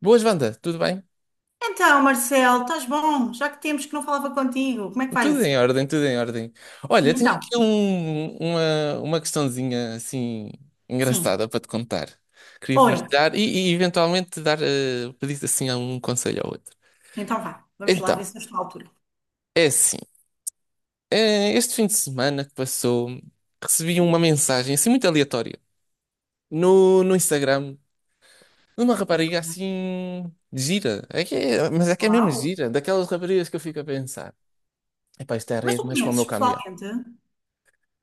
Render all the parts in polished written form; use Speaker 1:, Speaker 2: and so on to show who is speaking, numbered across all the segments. Speaker 1: Boas, Wanda, tudo bem?
Speaker 2: Então, Marcelo, estás bom? Já que temos que não falava contigo, como é que vai
Speaker 1: Tudo
Speaker 2: isso?
Speaker 1: em ordem, tudo em ordem.
Speaker 2: E
Speaker 1: Olha, tenho
Speaker 2: então?
Speaker 1: aqui uma questãozinha assim
Speaker 2: Sim.
Speaker 1: engraçada para te contar. Queria
Speaker 2: Olha,
Speaker 1: partilhar e eventualmente pedir assim um conselho ao outro.
Speaker 2: então vá, vamos lá
Speaker 1: Então,
Speaker 2: ver se eu estou à altura.
Speaker 1: é assim, este fim de semana que passou, recebi uma
Speaker 2: Sim.
Speaker 1: mensagem assim muito aleatória no Instagram de uma rapariga
Speaker 2: Ok.
Speaker 1: assim gira. Mas é que é mesmo
Speaker 2: Uau!
Speaker 1: gira, daquelas raparigas que eu fico a pensar. Epá, isto é a
Speaker 2: Mas tu
Speaker 1: rede mais para o meu
Speaker 2: conheces
Speaker 1: caminhão.
Speaker 2: pessoalmente?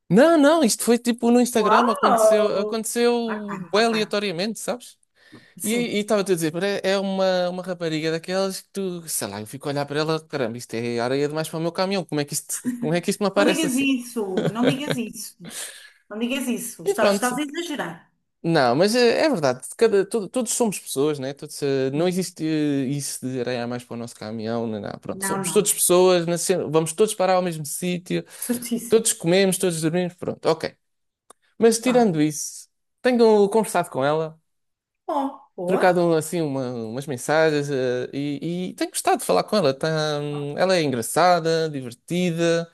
Speaker 1: Não, não, isto foi tipo no Instagram, aconteceu,
Speaker 2: Uau!
Speaker 1: aconteceu
Speaker 2: Ok,
Speaker 1: bué
Speaker 2: ok.
Speaker 1: aleatoriamente, sabes? E
Speaker 2: Sim.
Speaker 1: e estava-te a dizer, pá, é uma rapariga daquelas que tu, sei lá, eu fico a olhar para ela, caramba, isto é areia demais para o meu caminhão, como é que isto me
Speaker 2: Não
Speaker 1: aparece
Speaker 2: digas
Speaker 1: assim?
Speaker 2: isso, não digas isso, não digas isso.
Speaker 1: E
Speaker 2: Estás
Speaker 1: pronto.
Speaker 2: a exagerar.
Speaker 1: Não, mas é, verdade, todos somos pessoas, né? Todos, não
Speaker 2: Hum.
Speaker 1: existe isso de areia a mais para o nosso caminhão, não, não. Pronto,
Speaker 2: Não,
Speaker 1: somos
Speaker 2: não,
Speaker 1: todos
Speaker 2: não.
Speaker 1: pessoas, vamos todos parar ao mesmo sítio,
Speaker 2: Certíssimo.
Speaker 1: todos comemos, todos dormimos, pronto, ok. Mas
Speaker 2: Vá.
Speaker 1: tirando isso, tenho conversado com ela,
Speaker 2: Bom, boa.
Speaker 1: trocado assim umas mensagens e tenho gostado de falar com ela. Tá, ela é engraçada, divertida.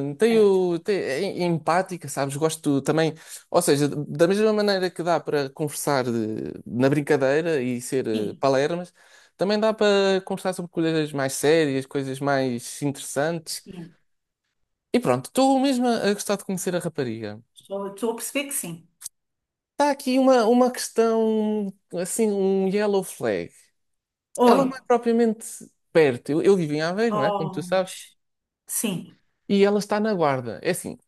Speaker 1: hum,
Speaker 2: Certo.
Speaker 1: tenho- te- é é empática, sabes? Gosto também, ou seja, da mesma maneira que dá para conversar na brincadeira e ser
Speaker 2: Sim,
Speaker 1: palermas, também dá para conversar sobre coisas mais sérias, coisas mais interessantes.
Speaker 2: sim.
Speaker 1: E pronto, estou mesmo a gostar de conhecer a rapariga.
Speaker 2: Estou a perceber que sim.
Speaker 1: Está aqui uma questão, assim, um yellow flag. Ela
Speaker 2: Oi.
Speaker 1: não é propriamente perto. Eu vivo em Aveiro, não é? Como tu
Speaker 2: Oh, que
Speaker 1: sabes.
Speaker 2: sim,
Speaker 1: E ela está na Guarda. É assim,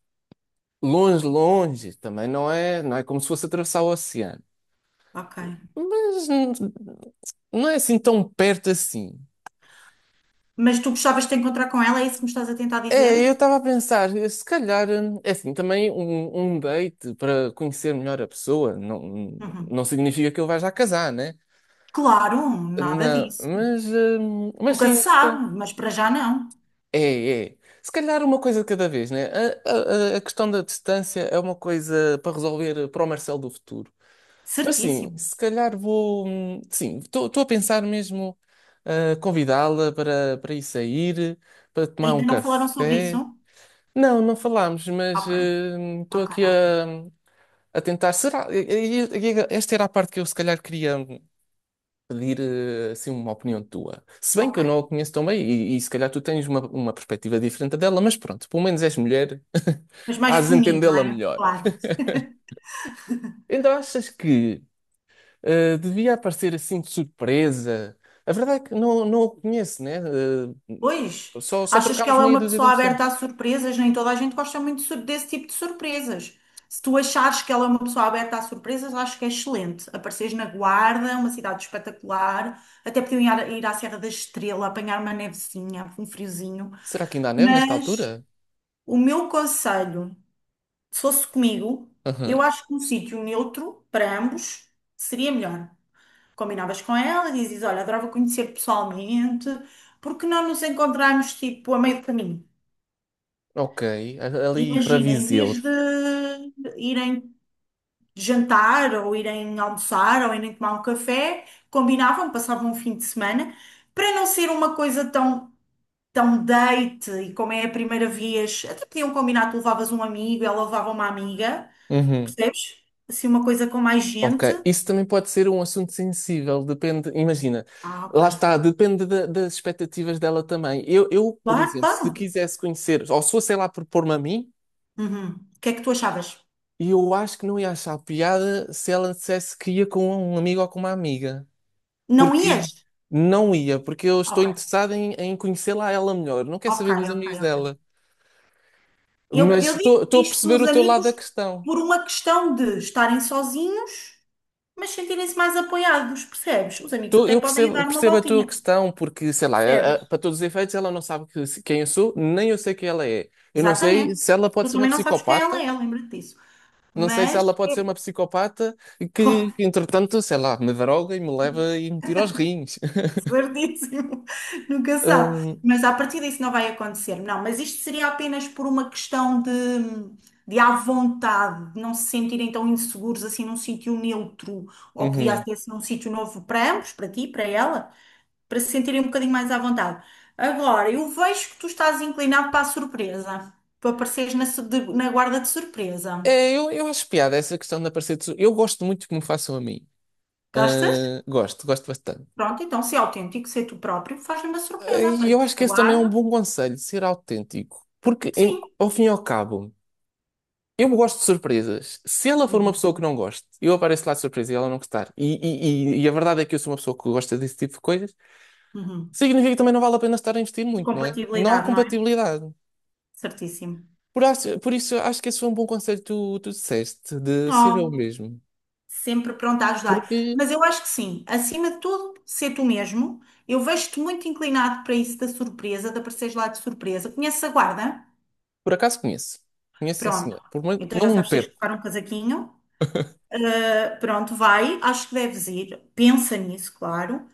Speaker 1: longe, longe. Também não é como se fosse atravessar o oceano.
Speaker 2: ok.
Speaker 1: Mas não é assim tão perto assim.
Speaker 2: Mas tu gostavas de te encontrar com ela, é isso que me estás a tentar dizer?
Speaker 1: É, eu estava a pensar, se calhar, é assim, também um date para conhecer melhor a pessoa não,
Speaker 2: Uhum.
Speaker 1: não significa que ele vai já casar, né?
Speaker 2: Claro, nada
Speaker 1: Na,
Speaker 2: disso.
Speaker 1: mas, hum, mas
Speaker 2: Nunca
Speaker 1: sim.
Speaker 2: se sabe, mas para já não.
Speaker 1: É, é. Se calhar uma coisa de cada vez, né? A questão da distância é uma coisa para resolver para o Marcelo do futuro. Mas sim,
Speaker 2: Certíssimo.
Speaker 1: se calhar vou. Sim, estou a pensar mesmo convidá-la para ir sair, para tomar
Speaker 2: Ainda
Speaker 1: um
Speaker 2: não falaram sobre isso?
Speaker 1: café. Não, não falámos, mas
Speaker 2: Ok,
Speaker 1: estou
Speaker 2: ok,
Speaker 1: aqui
Speaker 2: ok.
Speaker 1: a tentar. Será? Esta era a parte que eu se calhar queria pedir assim uma opinião tua. Se bem que eu
Speaker 2: Ok.
Speaker 1: não a conheço tão bem e se calhar tu tens uma perspectiva diferente dela, mas pronto, pelo menos és mulher,
Speaker 2: Mas mais
Speaker 1: hás de
Speaker 2: feminino, não
Speaker 1: entendê-la
Speaker 2: é?
Speaker 1: melhor.
Speaker 2: Claro.
Speaker 1: Então achas que devia aparecer assim de surpresa? A verdade é que não, não a conheço, né?
Speaker 2: Pois,
Speaker 1: Só
Speaker 2: achas que
Speaker 1: trocámos
Speaker 2: ela é
Speaker 1: meia
Speaker 2: uma
Speaker 1: dúzia de
Speaker 2: pessoa aberta
Speaker 1: impressões.
Speaker 2: a surpresas? Nem toda a gente gosta muito de desse tipo de surpresas. Se tu achares que ela é uma pessoa aberta a surpresas, acho que é excelente. Apareceres na Guarda, uma cidade espetacular. Até podiam ir à Serra da Estrela, apanhar uma nevezinha, um friozinho.
Speaker 1: Será que ainda há neve nesta
Speaker 2: Mas
Speaker 1: altura?
Speaker 2: o meu conselho, se fosse comigo, eu
Speaker 1: Aham.
Speaker 2: acho que um sítio neutro para ambos seria melhor. Combinavas com ela, dizes, olha, adorava conhecer pessoalmente, porque não nos encontrarmos tipo a meio do caminho?
Speaker 1: Ok, ali para
Speaker 2: Imagina, em vez
Speaker 1: Viseu.
Speaker 2: de irem jantar ou irem almoçar ou irem tomar um café, combinavam, passavam um fim de semana, para não ser uma coisa tão date, e como é a primeira vez, até podiam combinar, tu levavas um amigo, ela levava uma amiga,
Speaker 1: Uhum.
Speaker 2: percebes? Assim, uma coisa com mais gente.
Speaker 1: Ok, isso também pode ser um assunto sensível, depende, imagina,
Speaker 2: Ah, ok.
Speaker 1: lá está, depende das expectativas dela também. Eu, por
Speaker 2: Claro,
Speaker 1: exemplo,
Speaker 2: claro.
Speaker 1: se quisesse conhecer, ou se fosse ela a propor-me a mim,
Speaker 2: Uhum. O que é que tu achavas?
Speaker 1: eu acho que não ia achar piada se ela dissesse que ia com um amigo ou com uma amiga,
Speaker 2: Não
Speaker 1: porque
Speaker 2: ias?
Speaker 1: não ia, porque eu estou
Speaker 2: Ok,
Speaker 1: interessado em conhecê-la a ela melhor, não quero
Speaker 2: ok,
Speaker 1: saber dos
Speaker 2: ok,
Speaker 1: amigos
Speaker 2: ok.
Speaker 1: dela, mas
Speaker 2: Eu digo
Speaker 1: estou a
Speaker 2: isto
Speaker 1: perceber
Speaker 2: dos
Speaker 1: o teu lado
Speaker 2: amigos
Speaker 1: da questão.
Speaker 2: por uma questão de estarem sozinhos, mas sentirem-se mais apoiados, percebes? Os amigos
Speaker 1: Tu-
Speaker 2: até
Speaker 1: eu
Speaker 2: podem ir
Speaker 1: percebo,
Speaker 2: dar uma
Speaker 1: percebo a tua
Speaker 2: voltinha,
Speaker 1: questão, porque, sei lá,
Speaker 2: percebes?
Speaker 1: para todos os efeitos, ela não sabe quem eu sou, nem eu sei quem ela é. Eu não sei
Speaker 2: Exatamente.
Speaker 1: se ela pode
Speaker 2: Tu
Speaker 1: ser uma
Speaker 2: também não sabes quem
Speaker 1: psicopata,
Speaker 2: ela é, lembra-te disso.
Speaker 1: não sei se
Speaker 2: Mas,
Speaker 1: ela pode ser uma psicopata que, entretanto, sei lá, me droga e me leva e me tira aos rins.
Speaker 2: certíssimo, nunca sabe.
Speaker 1: Hum,
Speaker 2: Mas a partir disso não vai acontecer. Não, mas isto seria apenas por uma questão de à vontade, de não se sentirem tão inseguros assim num sítio neutro, ou podia
Speaker 1: uhum.
Speaker 2: até ser assim um sítio novo para ambos, para ti, para ela, para se sentirem um bocadinho mais à vontade. Agora, eu vejo que tu estás inclinado para a surpresa, para apareceres na, na guarda de surpresa.
Speaker 1: É, eu acho piada essa questão de aparecer. Tesouro. Eu gosto muito que me façam a mim.
Speaker 2: Gostas?
Speaker 1: Ah, gosto, gosto bastante.
Speaker 2: Pronto, então, se é autêntico, ser tu próprio, faz-lhe uma
Speaker 1: Ah,
Speaker 2: surpresa,
Speaker 1: e eu
Speaker 2: aparece
Speaker 1: acho que
Speaker 2: na
Speaker 1: esse também é um
Speaker 2: guarda.
Speaker 1: bom conselho, ser autêntico. Porque,
Speaker 2: Sim.
Speaker 1: ao fim e ao cabo. Eu gosto de surpresas. Se ela for uma
Speaker 2: Uhum.
Speaker 1: pessoa que não goste, eu apareço lá de surpresa e ela não gostar. E a verdade é que eu sou uma pessoa que gosta desse tipo de coisas.
Speaker 2: Uhum.
Speaker 1: Significa que também não vale a pena estar a investir muito, não é? Não há
Speaker 2: Compatibilidade, não é?
Speaker 1: compatibilidade.
Speaker 2: Certíssimo.
Speaker 1: Por isso, acho que esse foi um bom conselho que tu disseste, de ser eu
Speaker 2: Oh,
Speaker 1: mesmo.
Speaker 2: sempre pronta a ajudar.
Speaker 1: Porque,
Speaker 2: Mas eu acho que sim, acima de tudo, ser tu mesmo. Eu vejo-te muito inclinado para isso da surpresa, de apareceres lá de surpresa. Conheces a guarda?
Speaker 1: por acaso, conheço. Conheço, sim,
Speaker 2: Pronto.
Speaker 1: senhor. Por muito-
Speaker 2: Então
Speaker 1: não
Speaker 2: já
Speaker 1: me
Speaker 2: sabes, tens que
Speaker 1: perco.
Speaker 2: colocar um casaquinho. Pronto, vai. Acho que deves ir. Pensa nisso, claro.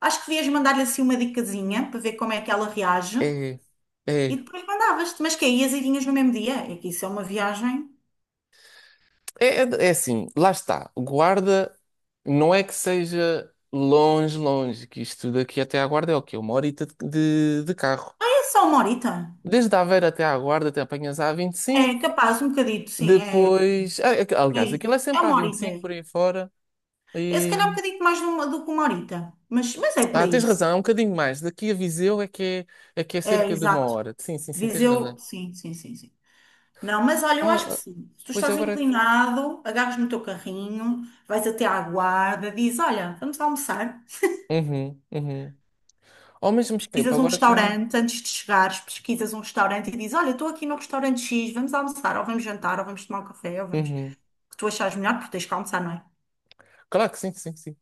Speaker 2: Acho que devias mandar-lhe assim uma dicasinha para ver como é que ela reage.
Speaker 1: É,
Speaker 2: E
Speaker 1: é.
Speaker 2: depois mandavas-te. Mas que aí e vinhas no mesmo dia? É que isso é uma viagem.
Speaker 1: É, é assim, lá está. Guarda não é que seja longe, longe, que isto daqui até à Guarda é o quê? Uma horita de carro.
Speaker 2: É só uma horita.
Speaker 1: Desde a Aveiro até à Guarda, até apanhas a 25.
Speaker 2: É capaz, um bocadito, sim. É.
Speaker 1: Depois.
Speaker 2: É
Speaker 1: Aliás, aquilo
Speaker 2: isso.
Speaker 1: é
Speaker 2: É
Speaker 1: sempre a
Speaker 2: uma
Speaker 1: vinte e
Speaker 2: horita.
Speaker 1: cinco
Speaker 2: É.
Speaker 1: por aí fora.
Speaker 2: É se
Speaker 1: E.
Speaker 2: calhar um bocadinho mais do que uma horita. Mas é por
Speaker 1: Ah,
Speaker 2: aí.
Speaker 1: tens razão, é um bocadinho mais. Daqui a Viseu é que é
Speaker 2: É,
Speaker 1: cerca de uma
Speaker 2: exato.
Speaker 1: hora. Sim, sim, sim, tens
Speaker 2: Viseu,
Speaker 1: razão.
Speaker 2: sim, sim, sim, sim. Não, mas olha, eu
Speaker 1: Ah,
Speaker 2: acho que
Speaker 1: ah,
Speaker 2: sim. Se tu
Speaker 1: pois
Speaker 2: estás
Speaker 1: agora.
Speaker 2: inclinado, agarras no teu carrinho, vais até à guarda, dizes, olha, vamos almoçar.
Speaker 1: Uhum, uhum. Ao mesmo tempo,
Speaker 2: Pesquisas um
Speaker 1: agora também.
Speaker 2: restaurante antes de chegares, pesquisas um restaurante e dizes, olha, estou aqui no restaurante X, vamos almoçar, ou vamos jantar, ou vamos tomar um café, ou vamos...
Speaker 1: Uhum.
Speaker 2: O que tu achares melhor, porque tens que almoçar, não é?
Speaker 1: Claro que sim, sim, sim.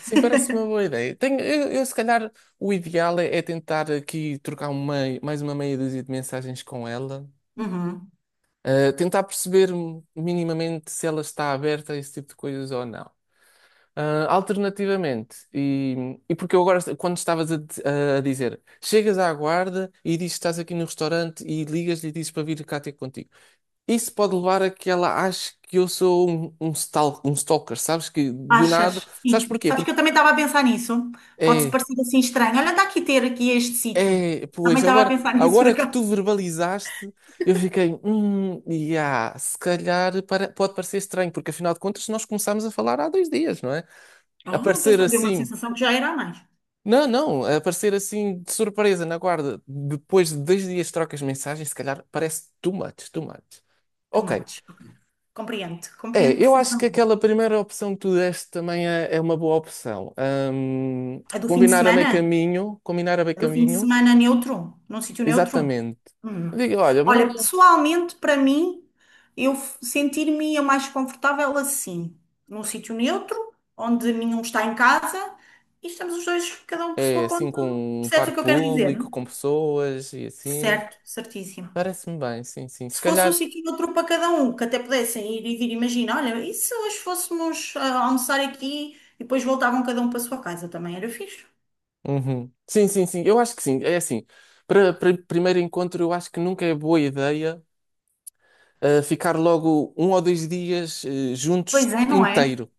Speaker 1: Sim, parece-me uma boa ideia. Eu, se calhar, o ideal é tentar aqui trocar mais uma meia dúzia de mensagens com ela,
Speaker 2: Uhum.
Speaker 1: tentar perceber minimamente se ela está aberta a esse tipo de coisas ou não. Ah, alternativamente, e porque eu agora, quando estavas a dizer, chegas à guarda e dizes que estás aqui no restaurante e ligas-lhe e dizes para vir cá ter contigo. Isso pode levar a que ela ache que eu sou um stalker, sabes? Que do nada.
Speaker 2: Achas?
Speaker 1: Sabes
Speaker 2: Sim.
Speaker 1: porquê?
Speaker 2: Sabes que
Speaker 1: Porque.
Speaker 2: eu também estava a pensar nisso. Pode-se
Speaker 1: É,
Speaker 2: parecer assim estranho. Olha, dá aqui ter aqui este sítio.
Speaker 1: É,
Speaker 2: Também
Speaker 1: pois,
Speaker 2: estava a
Speaker 1: agora,
Speaker 2: pensar nisso por
Speaker 1: agora que
Speaker 2: acaso.
Speaker 1: tu verbalizaste, eu fiquei, yeah, se calhar pode parecer estranho, porque afinal de contas nós começámos a falar há 2 dias, não é?
Speaker 2: Oh,
Speaker 1: Aparecer
Speaker 2: deu uma
Speaker 1: assim,
Speaker 2: sensação que já era a mais.
Speaker 1: não, não, aparecer assim de surpresa na guarda, depois de 2 dias de trocas de mensagens, se calhar parece too much, too much. Ok,
Speaker 2: Tomates. Compreendo,
Speaker 1: é,
Speaker 2: compreendo
Speaker 1: eu acho que
Speaker 2: perfeitamente.
Speaker 1: aquela primeira opção que tu deste também é uma boa opção. Hum,
Speaker 2: A do fim de
Speaker 1: combinar a meio
Speaker 2: semana?
Speaker 1: caminho, combinar a meio
Speaker 2: A do fim de
Speaker 1: caminho,
Speaker 2: semana neutro? Num sítio neutro?
Speaker 1: exatamente.
Speaker 2: Hum.
Speaker 1: Diga, olha,
Speaker 2: Olha, pessoalmente, para mim, sentir-me a mais confortável assim, num sítio neutro, onde nenhum está em casa e estamos os dois, cada um por
Speaker 1: é
Speaker 2: sua
Speaker 1: assim
Speaker 2: conta.
Speaker 1: com um
Speaker 2: Percebes o
Speaker 1: parque
Speaker 2: que eu quero dizer?
Speaker 1: público, com pessoas e assim.
Speaker 2: Certo, certíssimo.
Speaker 1: Parece-me bem, sim, sim. Se
Speaker 2: Se fosse um
Speaker 1: calhar.
Speaker 2: sítio e outro para cada um, que até pudessem ir e vir, imagina, olha, e se hoje fôssemos almoçar aqui e depois voltavam cada um para a sua casa, também era fixe.
Speaker 1: Uhum. Sim, sim, sim. Eu acho que sim. É assim. Para primeiro encontro, eu acho que nunca é boa ideia ficar logo 1 ou 2 dias
Speaker 2: Pois
Speaker 1: juntos
Speaker 2: é, não é?
Speaker 1: inteiro.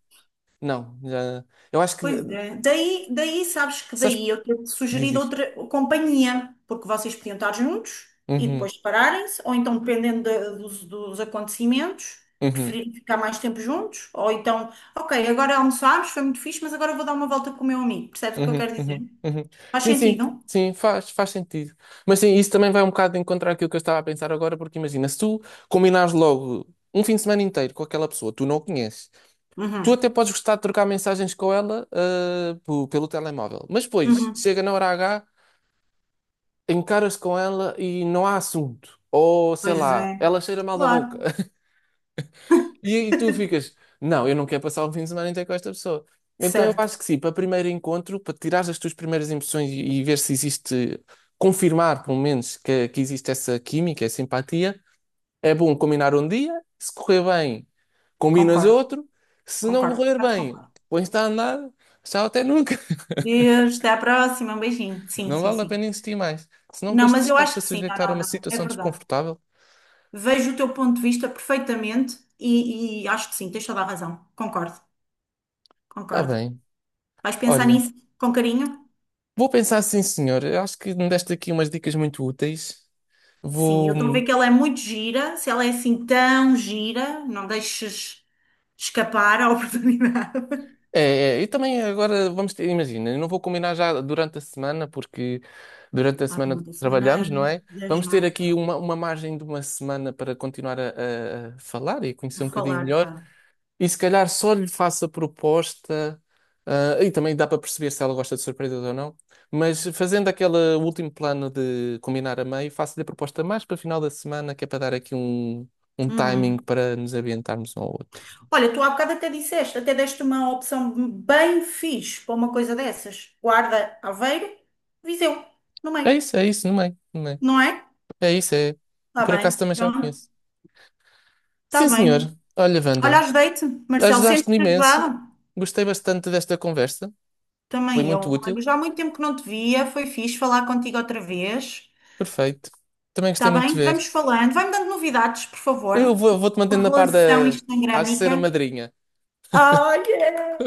Speaker 1: Não, eu acho que.
Speaker 2: Pois é. Daí sabes que
Speaker 1: Sabes?
Speaker 2: daí eu ter
Speaker 1: Diz,
Speaker 2: sugerido
Speaker 1: diz.
Speaker 2: outra companhia, porque vocês podiam estar juntos e
Speaker 1: Uhum,
Speaker 2: depois separarem-se, ou então, dependendo dos, dos acontecimentos,
Speaker 1: uhum.
Speaker 2: preferirem ficar mais tempo juntos, ou então, ok, agora almoçámos, foi muito fixe, mas agora vou dar uma volta com o meu amigo. Percebes o que eu
Speaker 1: Uhum,
Speaker 2: quero dizer?
Speaker 1: uhum, uhum.
Speaker 2: Faz
Speaker 1: Sim, sim,
Speaker 2: sentido?
Speaker 1: sim, faz sentido. Mas sim, isso também vai um bocado de encontrar aquilo que eu estava a pensar agora, porque imagina, se tu combinares logo um fim de semana inteiro com aquela pessoa, tu não a conheces, tu
Speaker 2: Uhum,
Speaker 1: até podes gostar de trocar mensagens com ela, pelo telemóvel, mas depois
Speaker 2: uhum.
Speaker 1: chega na hora H, encaras com ela e não há assunto. Ou sei
Speaker 2: Pois
Speaker 1: lá,
Speaker 2: é,
Speaker 1: ela cheira mal da
Speaker 2: claro.
Speaker 1: boca. E tu ficas, não, eu não quero passar o fim de semana inteiro com esta pessoa. Então eu
Speaker 2: Certo,
Speaker 1: acho que sim, para primeiro encontro, para tirar as tuas primeiras impressões e ver se existe, confirmar pelo menos que existe essa química, essa simpatia é bom combinar um dia, se correr bem, combinas
Speaker 2: concordo,
Speaker 1: outro, se não
Speaker 2: concordo,
Speaker 1: correr
Speaker 2: quase
Speaker 1: bem,
Speaker 2: concordo.
Speaker 1: pões-te a andar, tchau até nunca.
Speaker 2: Deus, até à próxima, um beijinho. Sim,
Speaker 1: Não
Speaker 2: sim,
Speaker 1: vale a
Speaker 2: sim.
Speaker 1: pena insistir mais. Se não,
Speaker 2: Não,
Speaker 1: depois
Speaker 2: mas eu acho
Speaker 1: estás-te a
Speaker 2: que sim, não,
Speaker 1: sujeitar a
Speaker 2: não,
Speaker 1: uma
Speaker 2: não, é
Speaker 1: situação
Speaker 2: verdade.
Speaker 1: desconfortável,
Speaker 2: Vejo o teu ponto de vista perfeitamente e acho que sim, tens toda a razão. Concordo,
Speaker 1: está
Speaker 2: concordo.
Speaker 1: bem.
Speaker 2: Vais pensar
Speaker 1: Olha.
Speaker 2: nisso com carinho?
Speaker 1: Vou pensar sim, senhor. Eu acho que me deste aqui umas dicas muito úteis.
Speaker 2: Sim, eu
Speaker 1: Vou.
Speaker 2: estou a ver que ela é muito gira, se ela é assim tão gira, não deixes escapar a oportunidade.
Speaker 1: É, é, e também agora vamos ter, imagina, eu não vou combinar já durante a semana, porque durante a
Speaker 2: Ah, uma
Speaker 1: semana
Speaker 2: da
Speaker 1: trabalhamos,
Speaker 2: semana
Speaker 1: não é?
Speaker 2: 10,
Speaker 1: Vamos
Speaker 2: não
Speaker 1: ter
Speaker 2: é?
Speaker 1: aqui
Speaker 2: Pronto,
Speaker 1: uma margem de uma semana para continuar a falar e conhecer
Speaker 2: vou
Speaker 1: um bocadinho
Speaker 2: falar,
Speaker 1: melhor.
Speaker 2: claro.
Speaker 1: E se calhar só lhe faço a proposta, e também dá para perceber se ela gosta de surpresas ou não, mas fazendo aquele último plano de combinar a meio, faço-lhe a proposta mais para o final da semana, que é para dar aqui um timing
Speaker 2: Uhum.
Speaker 1: para nos ambientarmos um ao outro.
Speaker 2: Olha, tu há bocado até disseste, até deste uma opção bem fixe para uma coisa dessas. Guarda, Aveiro, Viseu, no meio,
Speaker 1: É isso, no meio, no meio.
Speaker 2: não é?
Speaker 1: É isso, é.
Speaker 2: Está
Speaker 1: Por
Speaker 2: bem,
Speaker 1: acaso também já o
Speaker 2: pronto,
Speaker 1: conheço.
Speaker 2: está
Speaker 1: Sim, senhor.
Speaker 2: bem.
Speaker 1: Olha,
Speaker 2: Olha,
Speaker 1: Wanda,
Speaker 2: ajudei-te, Marcelo,
Speaker 1: ajudaste-me
Speaker 2: sentes-te
Speaker 1: imenso.
Speaker 2: ajudado?
Speaker 1: Gostei bastante desta conversa. Foi
Speaker 2: Também
Speaker 1: muito
Speaker 2: eu.
Speaker 1: útil.
Speaker 2: Olha, já há muito tempo que não te via, foi fixe falar contigo outra vez.
Speaker 1: Perfeito. Também gostei
Speaker 2: Está
Speaker 1: muito de
Speaker 2: bem? Vamos
Speaker 1: ver.
Speaker 2: falando. Vai-me dando novidades, por
Speaker 1: Eu
Speaker 2: favor.
Speaker 1: vou-te
Speaker 2: A
Speaker 1: mantendo na par da.
Speaker 2: relação
Speaker 1: Hás de ser a
Speaker 2: instagrâmica.
Speaker 1: madrinha.
Speaker 2: Olha,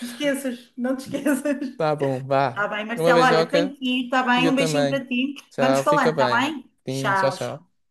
Speaker 2: esqueças, não te esqueças.
Speaker 1: Tá bom,
Speaker 2: Está
Speaker 1: vá.
Speaker 2: bem,
Speaker 1: Uma
Speaker 2: Marcelo. Olha, tenho
Speaker 1: beijoca
Speaker 2: que ir, está
Speaker 1: e
Speaker 2: bem?
Speaker 1: eu
Speaker 2: Um beijinho
Speaker 1: também.
Speaker 2: para ti. Vamos
Speaker 1: Tchau, fica
Speaker 2: falando, está
Speaker 1: bem.
Speaker 2: bem?
Speaker 1: Sim, tchau,
Speaker 2: Tchau.
Speaker 1: tchau.